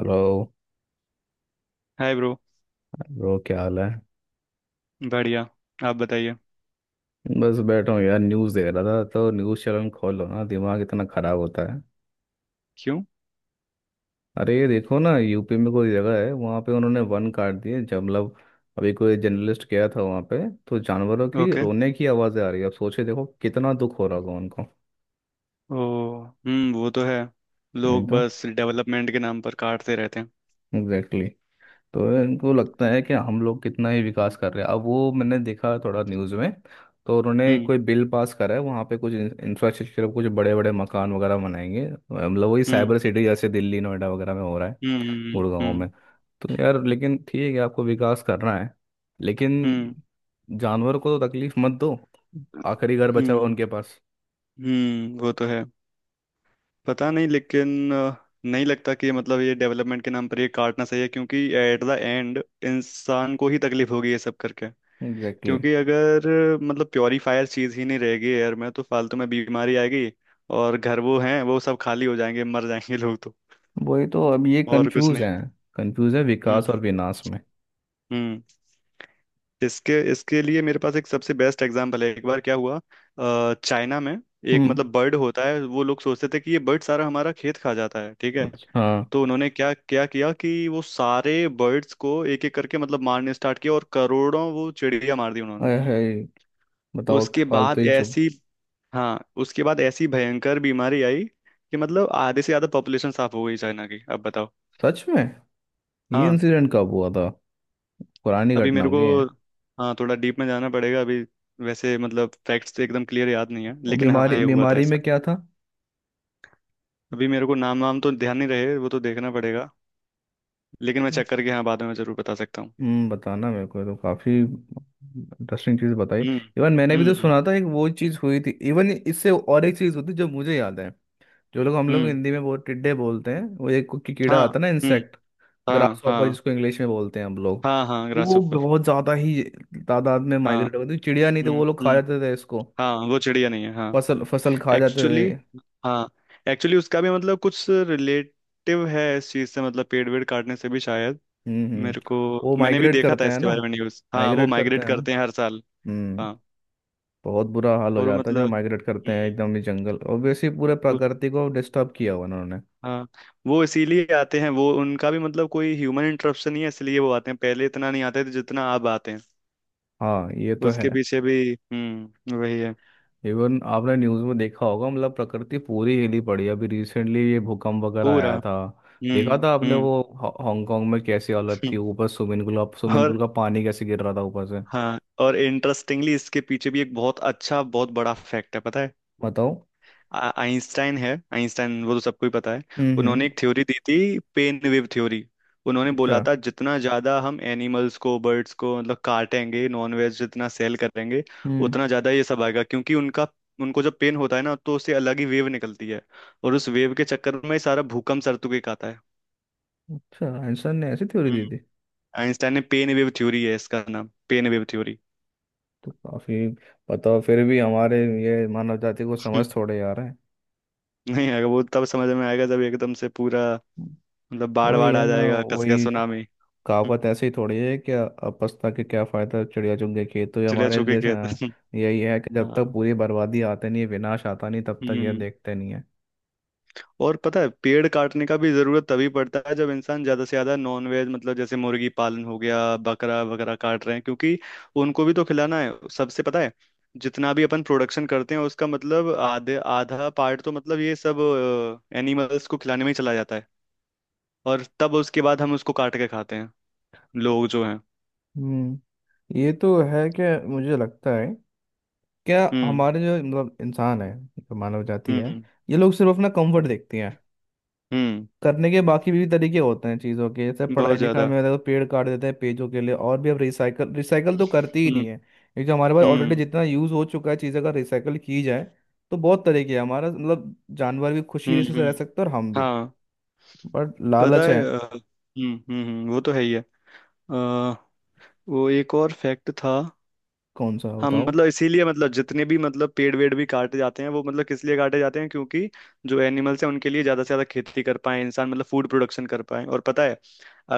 Hello. Hi bro. Bro क्या हाल है? बढ़िया। आप बताइए। बस बैठा हूँ यार, न्यूज़ देख रहा था। तो न्यूज़ चैनल खोलो ना, दिमाग इतना ख़राब होता है। क्यों। अरे ये देखो ना, यूपी में कोई जगह है वहाँ पे उन्होंने वन काट दिए। जब मतलब अभी कोई जर्नलिस्ट गया था वहाँ पे, तो जानवरों की ओके। रोने की आवाज़ें आ रही है। अब सोचे देखो कितना दुख हो रहा होगा उनको। ओ। हम्म, वो तो है। वही लोग तो। बस डेवलपमेंट के नाम पर काटते रहते हैं। एग्जैक्टली। तो इनको लगता है कि हम लोग कितना ही विकास कर रहे हैं। अब वो मैंने देखा थोड़ा न्यूज़ में, तो उन्होंने हम्म। कोई बिल पास करा है वहाँ पे। कुछ इंफ्रास्ट्रक्चर, कुछ बड़े बड़े मकान वगैरह बनाएंगे। मतलब वही हम्म। साइबर सिटी जैसे दिल्ली नोएडा वगैरह में हो रहा है, हम्म। गुड़गांव हम्म। में। तो यार, लेकिन ठीक है आपको विकास करना है, हम्म। लेकिन हम्म। जानवर को तो तकलीफ मत दो। आखिरी घर बचा हम्म। हुआ उनके पास। वो तो है। पता नहीं लेकिन नहीं लगता कि मतलब ये डेवलपमेंट के नाम पर ये काटना सही है, क्योंकि एट द एंड इंसान को ही तकलीफ होगी ये सब करके। Exactly exactly। क्योंकि अगर मतलब प्योरीफायर चीज ही नहीं रहेगी एयर में तो फालतू में बीमारी आएगी। और घर वो हैं वो सब खाली हो जाएंगे, मर जाएंगे लोग तो। वही तो, अब ये और कुछ कंफ्यूज है। नहीं। कंफ्यूज है हम्म। विकास और विनाश में। हम्म। इसके इसके लिए मेरे पास एक सबसे बेस्ट एग्जांपल है, एक बार क्या हुआ। चाइना में एक हम्म। मतलब बर्ड होता है, वो लोग सोचते थे कि ये बर्ड सारा हमारा खेत खा जाता है, ठीक है। अच्छा हाँ। तो उन्होंने क्या क्या किया कि वो सारे बर्ड्स को एक एक करके मतलब मारने स्टार्ट किया, और करोड़ों वो चिड़िया मार दी उन्होंने। हाय हाय, बताओ कि उसके फालतू बाद ही चुप। ऐसी हाँ, उसके बाद ऐसी भयंकर बीमारी आई कि मतलब आधे से ज्यादा पॉपुलेशन साफ हो गई चाइना की, अब बताओ। सच में? ये हाँ। इंसिडेंट कब हुआ था? पुरानी अभी घटना मेरे हो को गई है? हाँ, थोड़ा डीप में जाना पड़ेगा अभी। वैसे मतलब फैक्ट्स तो एकदम क्लियर याद नहीं है, और लेकिन हाँ बीमारी ये हाँ हुआ था बीमारी में ऐसा। क्या था? अभी मेरे को नाम वाम तो ध्यान नहीं रहे, वो तो देखना पड़ेगा। लेकिन मैं चेक करके हाँ बाद में जरूर बता सकता हूँ। हम्म, बताना मेरे को, ये तो काफी इंटरेस्टिंग चीज बताई। हम्म। इवन मैंने भी तो हम्म। सुना था एक वो चीज हुई थी इवन इससे। और एक चीज होती है जो मुझे याद है। जो लोग, हम लोग हम्म। हिंदी में बहुत टिड्डे बोलते हैं, वो एक की कीड़ा हाँ। आता है ना, हम्म। इंसेक्ट। ग्रास हाँ। हॉपर हाँ। जिसको इंग्लिश में बोलते हैं हम लोग। हाँ। हाँ, वो ग्रासहोफर। बहुत ज्यादा ही तादाद में हाँ। माइग्रेट होती थी। चिड़िया नहीं तो हम्म। वो लोग खा हम्म। जाते थे इसको, हाँ, वो चिड़िया नहीं है हाँ। फसल फसल खा जाते एक्चुअली थे। हाँ, एक्चुअली उसका भी मतलब कुछ रिलेटिव है इस चीज से, मतलब पेड़ वेड़ काटने से भी शायद। हम्म। मेरे को वो मैंने भी माइग्रेट देखा था करते हैं इसके ना? बारे में न्यूज। हाँ, वो माइग्रेट करते माइग्रेट हैं। करते हैं हर साल। हम्म। हाँ। बहुत बुरा हाल हो और जाता है जब माइग्रेट करते हैं, हम्म, एकदम ही जंगल। ऑब्वियसली पूरे वो- प्रकृति को डिस्टर्ब किया हुआ उन्होंने। हाँ, वो इसीलिए आते हैं, वो उनका भी मतलब कोई ह्यूमन इंटरप्शन नहीं है इसलिए वो आते हैं, पहले इतना नहीं आते थे जितना अब आते हैं। हाँ ये तो है। उसके पीछे भी वही है। इवन आपने न्यूज़ में देखा होगा, मतलब प्रकृति पूरी हिली पड़ी है। अभी रिसेंटली ये भूकंप वगैरह पूरा। आया था। देखा हम्म। था आपने हम्म। वो हांगकांग में कैसी हालत थी? हम्म। ऊपर स्विमिंग पूल, स्विमिंग और पूल का पानी कैसे गिर रहा था ऊपर से। हाँ, और इंटरेस्टिंगली इसके पीछे भी एक बहुत अच्छा बहुत बड़ा फैक्ट है, पता है? बताओ। आइंस्टाइन है, आइंस्टाइन वो तो सबको ही पता है। उन्होंने हम्म। एक थ्योरी दी थी, पेन वेव थ्योरी। उन्होंने बोला अच्छा। था जितना ज्यादा हम एनिमल्स को बर्ड्स को मतलब काटेंगे, नॉन वेज जितना सेल करेंगे, हम्म। उतना ज्यादा ये सब आएगा, क्योंकि उनका उनको जब पेन होता है ना तो उससे अलग ही वेव निकलती है, और उस वेव के चक्कर में ही सारा भूकंप सरतुके का आता है। अच्छा, एंसन ने ऐसी थ्योरी हम्म, दी? आइंस्टाइन ने पेन वेव थ्योरी, है इसका नाम पेन वेव थ्योरी। तो काफी, बताओ फिर भी हमारे ये मानव जाति को समझ हम्म, थोड़े आ रहे हैं। नहीं आएगा, वो तब समझ में आएगा जब एकदम से पूरा मतलब बाढ़ वही बाढ़ है आ ना, जाएगा कसके वही सुनामी। हम्म, कहावत ऐसे ही थोड़ी है कि अपस्ता के क्या फायदा, चिड़िया चुग गई खेत। तो ये चिड़िया हमारे चुके जैसे, खेत। हाँ, यही है कि जब हाँ। तक पूरी बर्बादी आते नहीं है, विनाश आता नहीं, तब तक ये हम्म। देखते नहीं है। और पता है पेड़ काटने का भी जरूरत तभी पड़ता है जब इंसान ज्यादा से ज्यादा नॉनवेज, मतलब जैसे मुर्गी पालन हो गया, बकरा वगैरह काट रहे हैं क्योंकि उनको भी तो खिलाना है। सबसे पता है, जितना भी अपन प्रोडक्शन करते हैं उसका मतलब आधे आधा पार्ट तो मतलब ये सब एनिमल्स को खिलाने में ही चला जाता है, और तब उसके बाद हम उसको काट के खाते हैं लोग जो हैं। हम्म, ये तो है कि मुझे लगता है क्या हम्म। हमारे जो मतलब इंसान है, जो मानव जाति है, हम्म। ये लोग सिर्फ अपना कंफर्ट देखते हैं। हम्म। करने के बाकी भी तरीके होते हैं चीज़ों के, जैसे पढ़ाई बहुत लिखाई ज्यादा। में देखो, पेड़ काट देते हैं पेजों के लिए। और भी अब रिसाइकल, रिसाइकल तो करती ही नहीं हम्म। है। क्योंकि जो हमारे पास ऑलरेडी हम्म। जितना यूज़ हो चुका है, चीज़ें अगर रिसाइकल की जाए तो बहुत तरीके हैं। हमारा मतलब जानवर भी हम्म। खुशी से रह हम्म। सकते हैं और हम भी, हाँ। बट पता लालच है। है वो तो है ही है। अ, वो एक और फैक्ट था। कौन सा हम बताओ? मतलब इसीलिए मतलब जितने भी मतलब पेड़ वेड़ भी काटे जाते हैं, वो मतलब किस लिए काटे जाते हैं? क्योंकि जो एनिमल्स हैं उनके लिए ज्यादा से ज्यादा खेती कर पाए इंसान, मतलब फूड प्रोडक्शन कर पाए। और पता है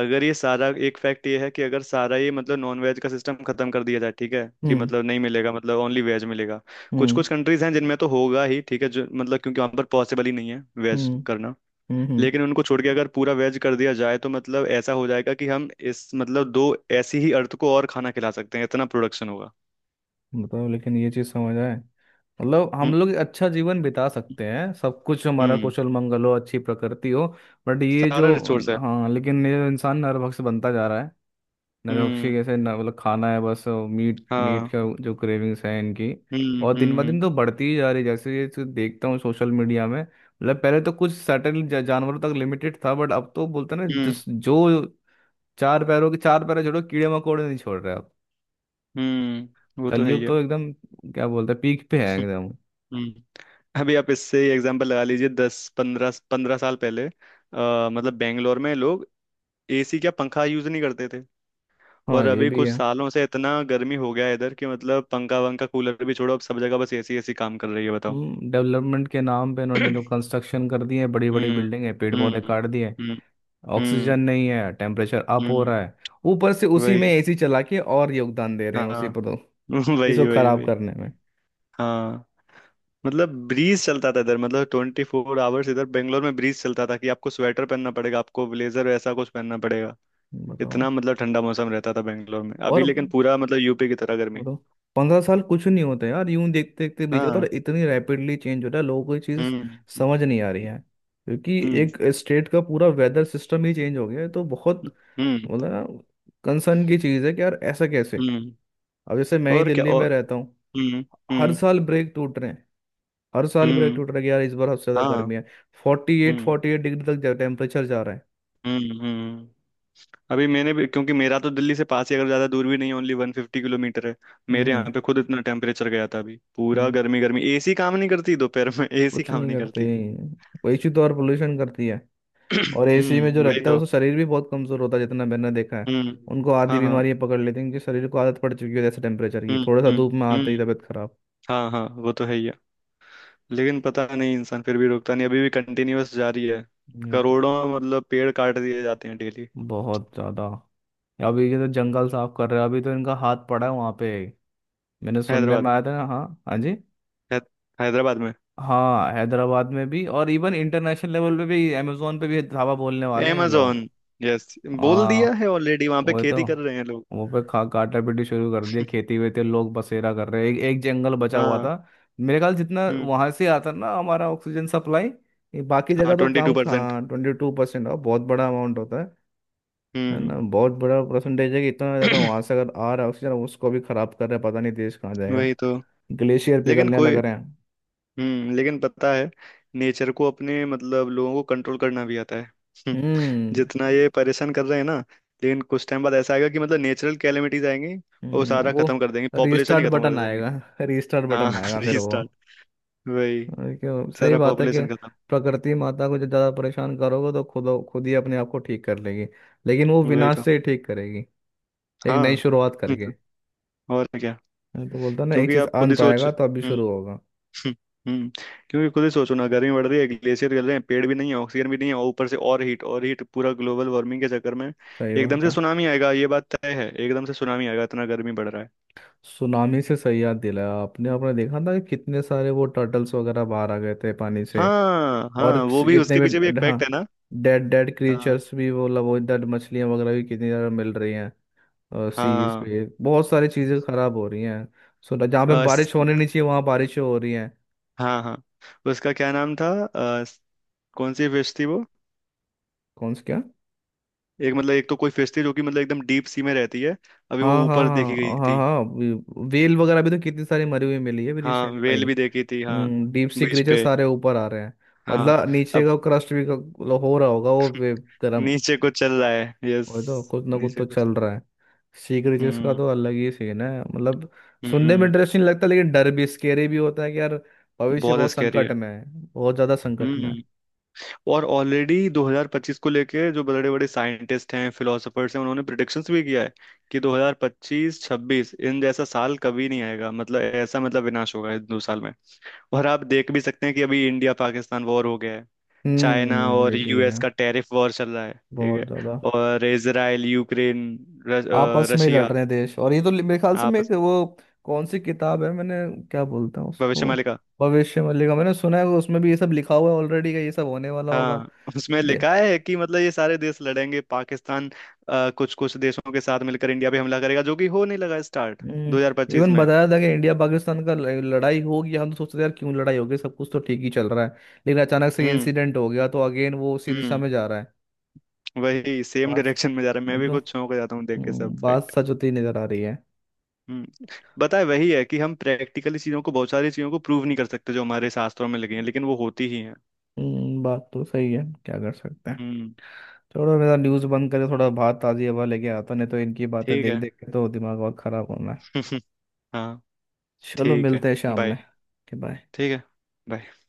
अगर ये सारा एक फैक्ट ये है कि अगर सारा ये मतलब नॉन वेज का सिस्टम खत्म कर दिया जाए, ठीक है कि हम्म मतलब नहीं मिलेगा, मतलब ओनली वेज मिलेगा। कुछ हम्म कुछ कंट्रीज हैं जिनमें तो होगा ही, ठीक है जो मतलब क्योंकि वहां पर पॉसिबल ही नहीं है वेज हम्म करना। हम्म। लेकिन उनको छोड़ के अगर पूरा वेज कर दिया जाए तो मतलब ऐसा हो जाएगा कि हम इस मतलब दो ऐसी ही अर्थ को और खाना खिला सकते हैं, इतना प्रोडक्शन होगा। बताओ लेकिन ये चीज़ समझ आए। मतलब हम हम्म। लोग अच्छा जीवन बिता सकते हैं, सब कुछ हमारा हम्म। कुशल मंगल हो, अच्छी प्रकृति हो, बट ये सारा जो, रिसोर्स है। हाँ लेकिन ये इंसान नरभक्ष बनता जा रहा है। नरभक्षी हम्म। कैसे मतलब खाना है बस, मीट, मीट हाँ। का जो क्रेविंग्स है इनकी। हम्म। और दिन हम्म। ब दिन हम्म। तो बढ़ती ही जा रही है। जैसे ये तो देखता हूँ सोशल मीडिया में, मतलब पहले तो कुछ सर्टेन जानवरों तक लिमिटेड था, बट अब तो बोलते हैं ना हम्म। जिस जो चार पैरों के, चार पैर छोड़ो, कीड़े मकोड़े नहीं छोड़ रहे अब। वो तो है ही कलयुग है। तो एकदम, क्या बोलते हैं, पीक पे है एकदम। हम्म। अभी आप इससे एग्जांपल लगा लीजिए, दस पंद्रह पंद्रह साल पहले मतलब बेंगलोर में लोग एसी क्या पंखा यूज नहीं करते थे। और हाँ ये अभी भी कुछ है। सालों से इतना गर्मी हो गया है इधर कि मतलब पंखा वंखा कूलर भी छोड़ो, अब सब जगह बस एसी एसी काम कर रही है, बताओ। हम्म, डेवलपमेंट के नाम पे इन्होंने जो कंस्ट्रक्शन कर दिए हैं, बड़ी बड़ी हम्म। बिल्डिंग है, पेड़ पौधे हम्म। काट दिए। हम्म। ऑक्सीजन हम्म। नहीं है, टेम्परेचर अप हो हम्म, रहा है। ऊपर से उसी में वही। एसी चला के और योगदान दे रहे हैं हाँ। उसी पर तो, वही इसको वही खराब वही। करने में। हाँ, मतलब ब्रीज चलता था इधर, मतलब ट्वेंटी फोर आवर्स इधर बेंगलोर में ब्रीज चलता था कि आपको स्वेटर पहनना पड़ेगा, आपको ब्लेजर ऐसा कुछ पहनना पड़ेगा। बताओ इतना मतलब ठंडा मौसम रहता था बेंगलोर में, अभी और लेकिन पूरा मतलब यूपी की तरह गर्मी। बताओ, 15 साल कुछ नहीं होते यार, यूं देखते देखते बीत जाता है। हाँ। और इतनी रैपिडली चेंज हो रहा है, लोगों को ये चीज़ हम्म। समझ नहीं आ रही है। क्योंकि हम्म। एक स्टेट का पूरा वेदर सिस्टम ही चेंज हो गया है। तो बहुत हम्म। मतलब ना, कंसर्न की चीज़ है कि यार ऐसा कैसे। हम्म। अब जैसे मैं ही और क्या, दिल्ली और। में रहता हूँ, हम्म। हर हम्म। साल ब्रेक टूट रहे हैं। हर साल ब्रेक हम्म। टूट रहा है कि यार इस बार सबसे ज्यादा हाँ। गर्मी है, forty eight hmm. Forty eight degree तक जा, टेम्परेचर जा रहा है। हम्म। हम्म। अभी मैंने भी, क्योंकि मेरा तो दिल्ली से पास ही अगर ज़्यादा दूर भी नहीं है, ओनली वन फिफ्टी किलोमीटर है। हम्म मेरे हम्म, यहाँ पे खुद इतना टेम्परेचर गया था अभी, पूरा हम्म, गर्मी गर्मी, एसी काम नहीं करती दोपहर में, एसी कुछ काम नहीं नहीं करते। करती। वही चीज तो और पोल्यूशन करती है। और एसी में जो हम्म, वही रहता है तो। उसका शरीर भी बहुत कमजोर होता है जितना मैंने देखा है। हम्म। उनको आधी हाँ। हाँ। बीमारियां पकड़ लेती हैं, क्योंकि शरीर को आदत पड़ चुकी है ऐसे टेम्परेचर की। हम्म। थोड़ा सा हम्म। धूप में आते हम्म। ही तबीयत खराब। हाँ हाँ, वो तो है ही है। लेकिन पता नहीं इंसान फिर भी रुकता नहीं, अभी भी कंटिन्यूअस जारी है। ये तो करोड़ों मतलब पेड़ काट दिए जाते हैं डेली। बहुत ज्यादा। अभी ये तो जंगल साफ कर रहे हैं, अभी तो इनका हाथ पड़ा है वहां पे, मैंने सुनने हैदराबाद में आया था ना। हाँ, हाँ जी, है, हैदराबाद में। हाँ हैदराबाद में भी, और इवन इंटरनेशनल लेवल पे भी अमेजोन पे भी धावा बोलने वाले हैं ये लोग। amazon, yes. बोल दिया हाँ। है ऑलरेडी, वहां पे वही तो, खेती कर रहे हैं लोग। वो पे खा काटा पीटी शुरू कर दिया, खेती वेती लोग बसेरा कर रहे हैं। एक, एक जंगल बचा हुआ हाँ। था। मेरे ख्याल जितना हम्म। वहां से आता ना हमारा ऑक्सीजन सप्लाई। ये बाकी हाँ, जगह तो ट्वेंटी टू। काम खा, 22% बहुत बड़ा अमाउंट होता है। है हम्म, ना, बहुत बड़ा परसेंटेज है। कि इतना ज़्यादा वहां से अगर आ रहा है ऑक्सीजन, उसको भी खराब कर रहा है। पता नहीं देश कहाँ जाएगा। वही तो। ग्लेशियर लेकिन पिघलने लग कोई। रहे हैं। हम्म, लेकिन पता है नेचर को अपने मतलब लोगों को कंट्रोल करना भी आता है। हम्म, हम्म, जितना ये परेशान कर रहे हैं ना, लेकिन कुछ टाइम बाद ऐसा आएगा कि मतलब नेचुरल कैलेमिटीज आएंगी और वो सारा वो खत्म कर देंगे, पॉपुलेशन ही रीस्टार्ट खत्म बटन कर देंगे। आएगा। रीस्टार्ट हाँ। बटन आएगा फिर वो। रीस्टार्ट। वही, और क्यों, सही सारा बात है कि पॉपुलेशन खत्म। प्रकृति माता को जब ज्यादा परेशान करोगे, तो खुद खुद ही अपने आप को ठीक कर लेगी। लेकिन वो वही विनाश तो। से ही ठीक करेगी, एक नई हाँ। शुरुआत करके। और क्या। मैं तो बोलता ना एक क्योंकि चीज, आप खुद ही अंत सोच। आएगा तो अभी हम्म, शुरू होगा। हम्म, हम्म। क्योंकि खुद ही सोचो ना, गर्मी बढ़ रही है, ग्लेशियर गल रहे हैं, पेड़ भी नहीं है, ऑक्सीजन भी नहीं है, और ऊपर से और हीट और हीट, पूरा ग्लोबल वार्मिंग के चक्कर में सही एकदम बात से है। सुनामी आएगा, ये बात तय है। एकदम से सुनामी आएगा, इतना गर्मी बढ़ रहा है। सुनामी से सही याद दिलाया आपने। आपने देखा था कि कितने सारे वो टर्टल्स वगैरह बाहर आ गए थे पानी से। हाँ और हाँ, किस- वो भी उसके पीछे भी एक हाँ, फैक्ट है ना। डेड डेड हाँ। क्रिएचर्स भी, वो मतलब वो डेड मछलियां वगैरह भी कितनी ज्यादा मिल रही हैं। सीज हाँ। पे बहुत सारी चीजें खराब हो रही हैं। सो जहाँ पे हाँ, बारिश होने नहीं चाहिए वहां बारिशें हो रही हैं। हाँ हाँ। उसका क्या नाम था? कौन सी फिश थी वो? कौन से क्या? एक मतलब एक तो कोई फिश थी जो कि मतलब एकदम डीप सी में रहती है, अभी वो हाँ हाँ ऊपर देखी गई हाँ हाँ थी। हाँ, वेल वगैरह भी तो कितनी सारी मरी हुई मिली है अभी हाँ, रिसेंट में ही। वेल भी देखी थी हाँ। हम्म, डीप सी बीच क्रीचर पे। सारे ऊपर आ रहे हैं। हाँ। मतलब नीचे का क्रस्ट भी हो रहा होगा, वो वे- गर्म। नीचे कुछ चल रहा है, यस। वही तो, कुछ ना कुछ नीचे तो कुछ। चल रहा है। सी क्रीचर्स का हम्म। तो अलग ही सीन है मतलब। सुनने में हम्म। इंटरेस्टिंग लगता है, लेकिन डर भी, स्केरी भी होता है कि यार, भविष्य बहुत बहुत स्कैरी संकट है। में है। बहुत ज्यादा संकट में है। हम्म। और ऑलरेडी 2025 को लेके जो बड़े बड़े साइंटिस्ट हैं फिलोसफर्स हैं उन्होंने प्रिडिक्शंस भी किया है कि 2025 26 इन जैसा साल कभी नहीं आएगा, मतलब ऐसा मतलब विनाश होगा इन दो साल में। और आप देख भी सकते हैं कि अभी इंडिया पाकिस्तान वॉर हो गया है, चाइना ये और भी यूएस है, का टैरिफ वॉर चल रहा है, ठीक बहुत है, ज्यादा और इसराइल यूक्रेन आपस में ही लड़ रशिया रहे हैं देश। और ये तो मेरे ख्याल से मैं आपस। एक वो, कौन सी किताब है मैंने, क्या बोलते हैं भविष्य। उसको, भविष्य मल्लिका, मैंने सुना है उसमें भी ये सब लिखा हुआ है ऑलरेडी का ये सब होने वाला होगा। हाँ, उसमें दे लिखा है कि मतलब ये सारे देश लड़ेंगे, पाकिस्तान कुछ कुछ देशों के साथ मिलकर इंडिया पे हमला करेगा, जो कि हो नहीं लगा स्टार्ट 2025 इवन में। बताया था कि इंडिया पाकिस्तान का लड़ाई होगी। हम तो सोचते थे यार क्यों लड़ाई होगी, सब कुछ तो ठीक ही चल रहा है। लेकिन अचानक से ये हम्म। इंसिडेंट हो गया, तो अगेन वो उसी दिशा हम्म। में जा रहा है। वही सेम बात डायरेक्शन में जा रहा है, मैं बात भी तो कुछ चौंक जाता हूँ देख के सब बात फैक्ट। सच होती नजर आ रही है। हम्म, बताए वही है कि हम प्रैक्टिकली चीजों को, बहुत सारी चीजों को प्रूव नहीं कर सकते जो हमारे शास्त्रों में लिखी हैं, लेकिन वो होती ही हैं। बात तो सही है, क्या कर सकते हैं। हम्म। थोड़ा मेरा न्यूज़ बंद करे, थोड़ा बात ताज़ी हवा लेके आता, नहीं तो इनकी बातें ठीक देख है। देख के तो दिमाग और ख़राब होना है। हाँ। चलो, ठीक है। मिलते हैं शाम बाय। में। बाय। ठीक है। bye.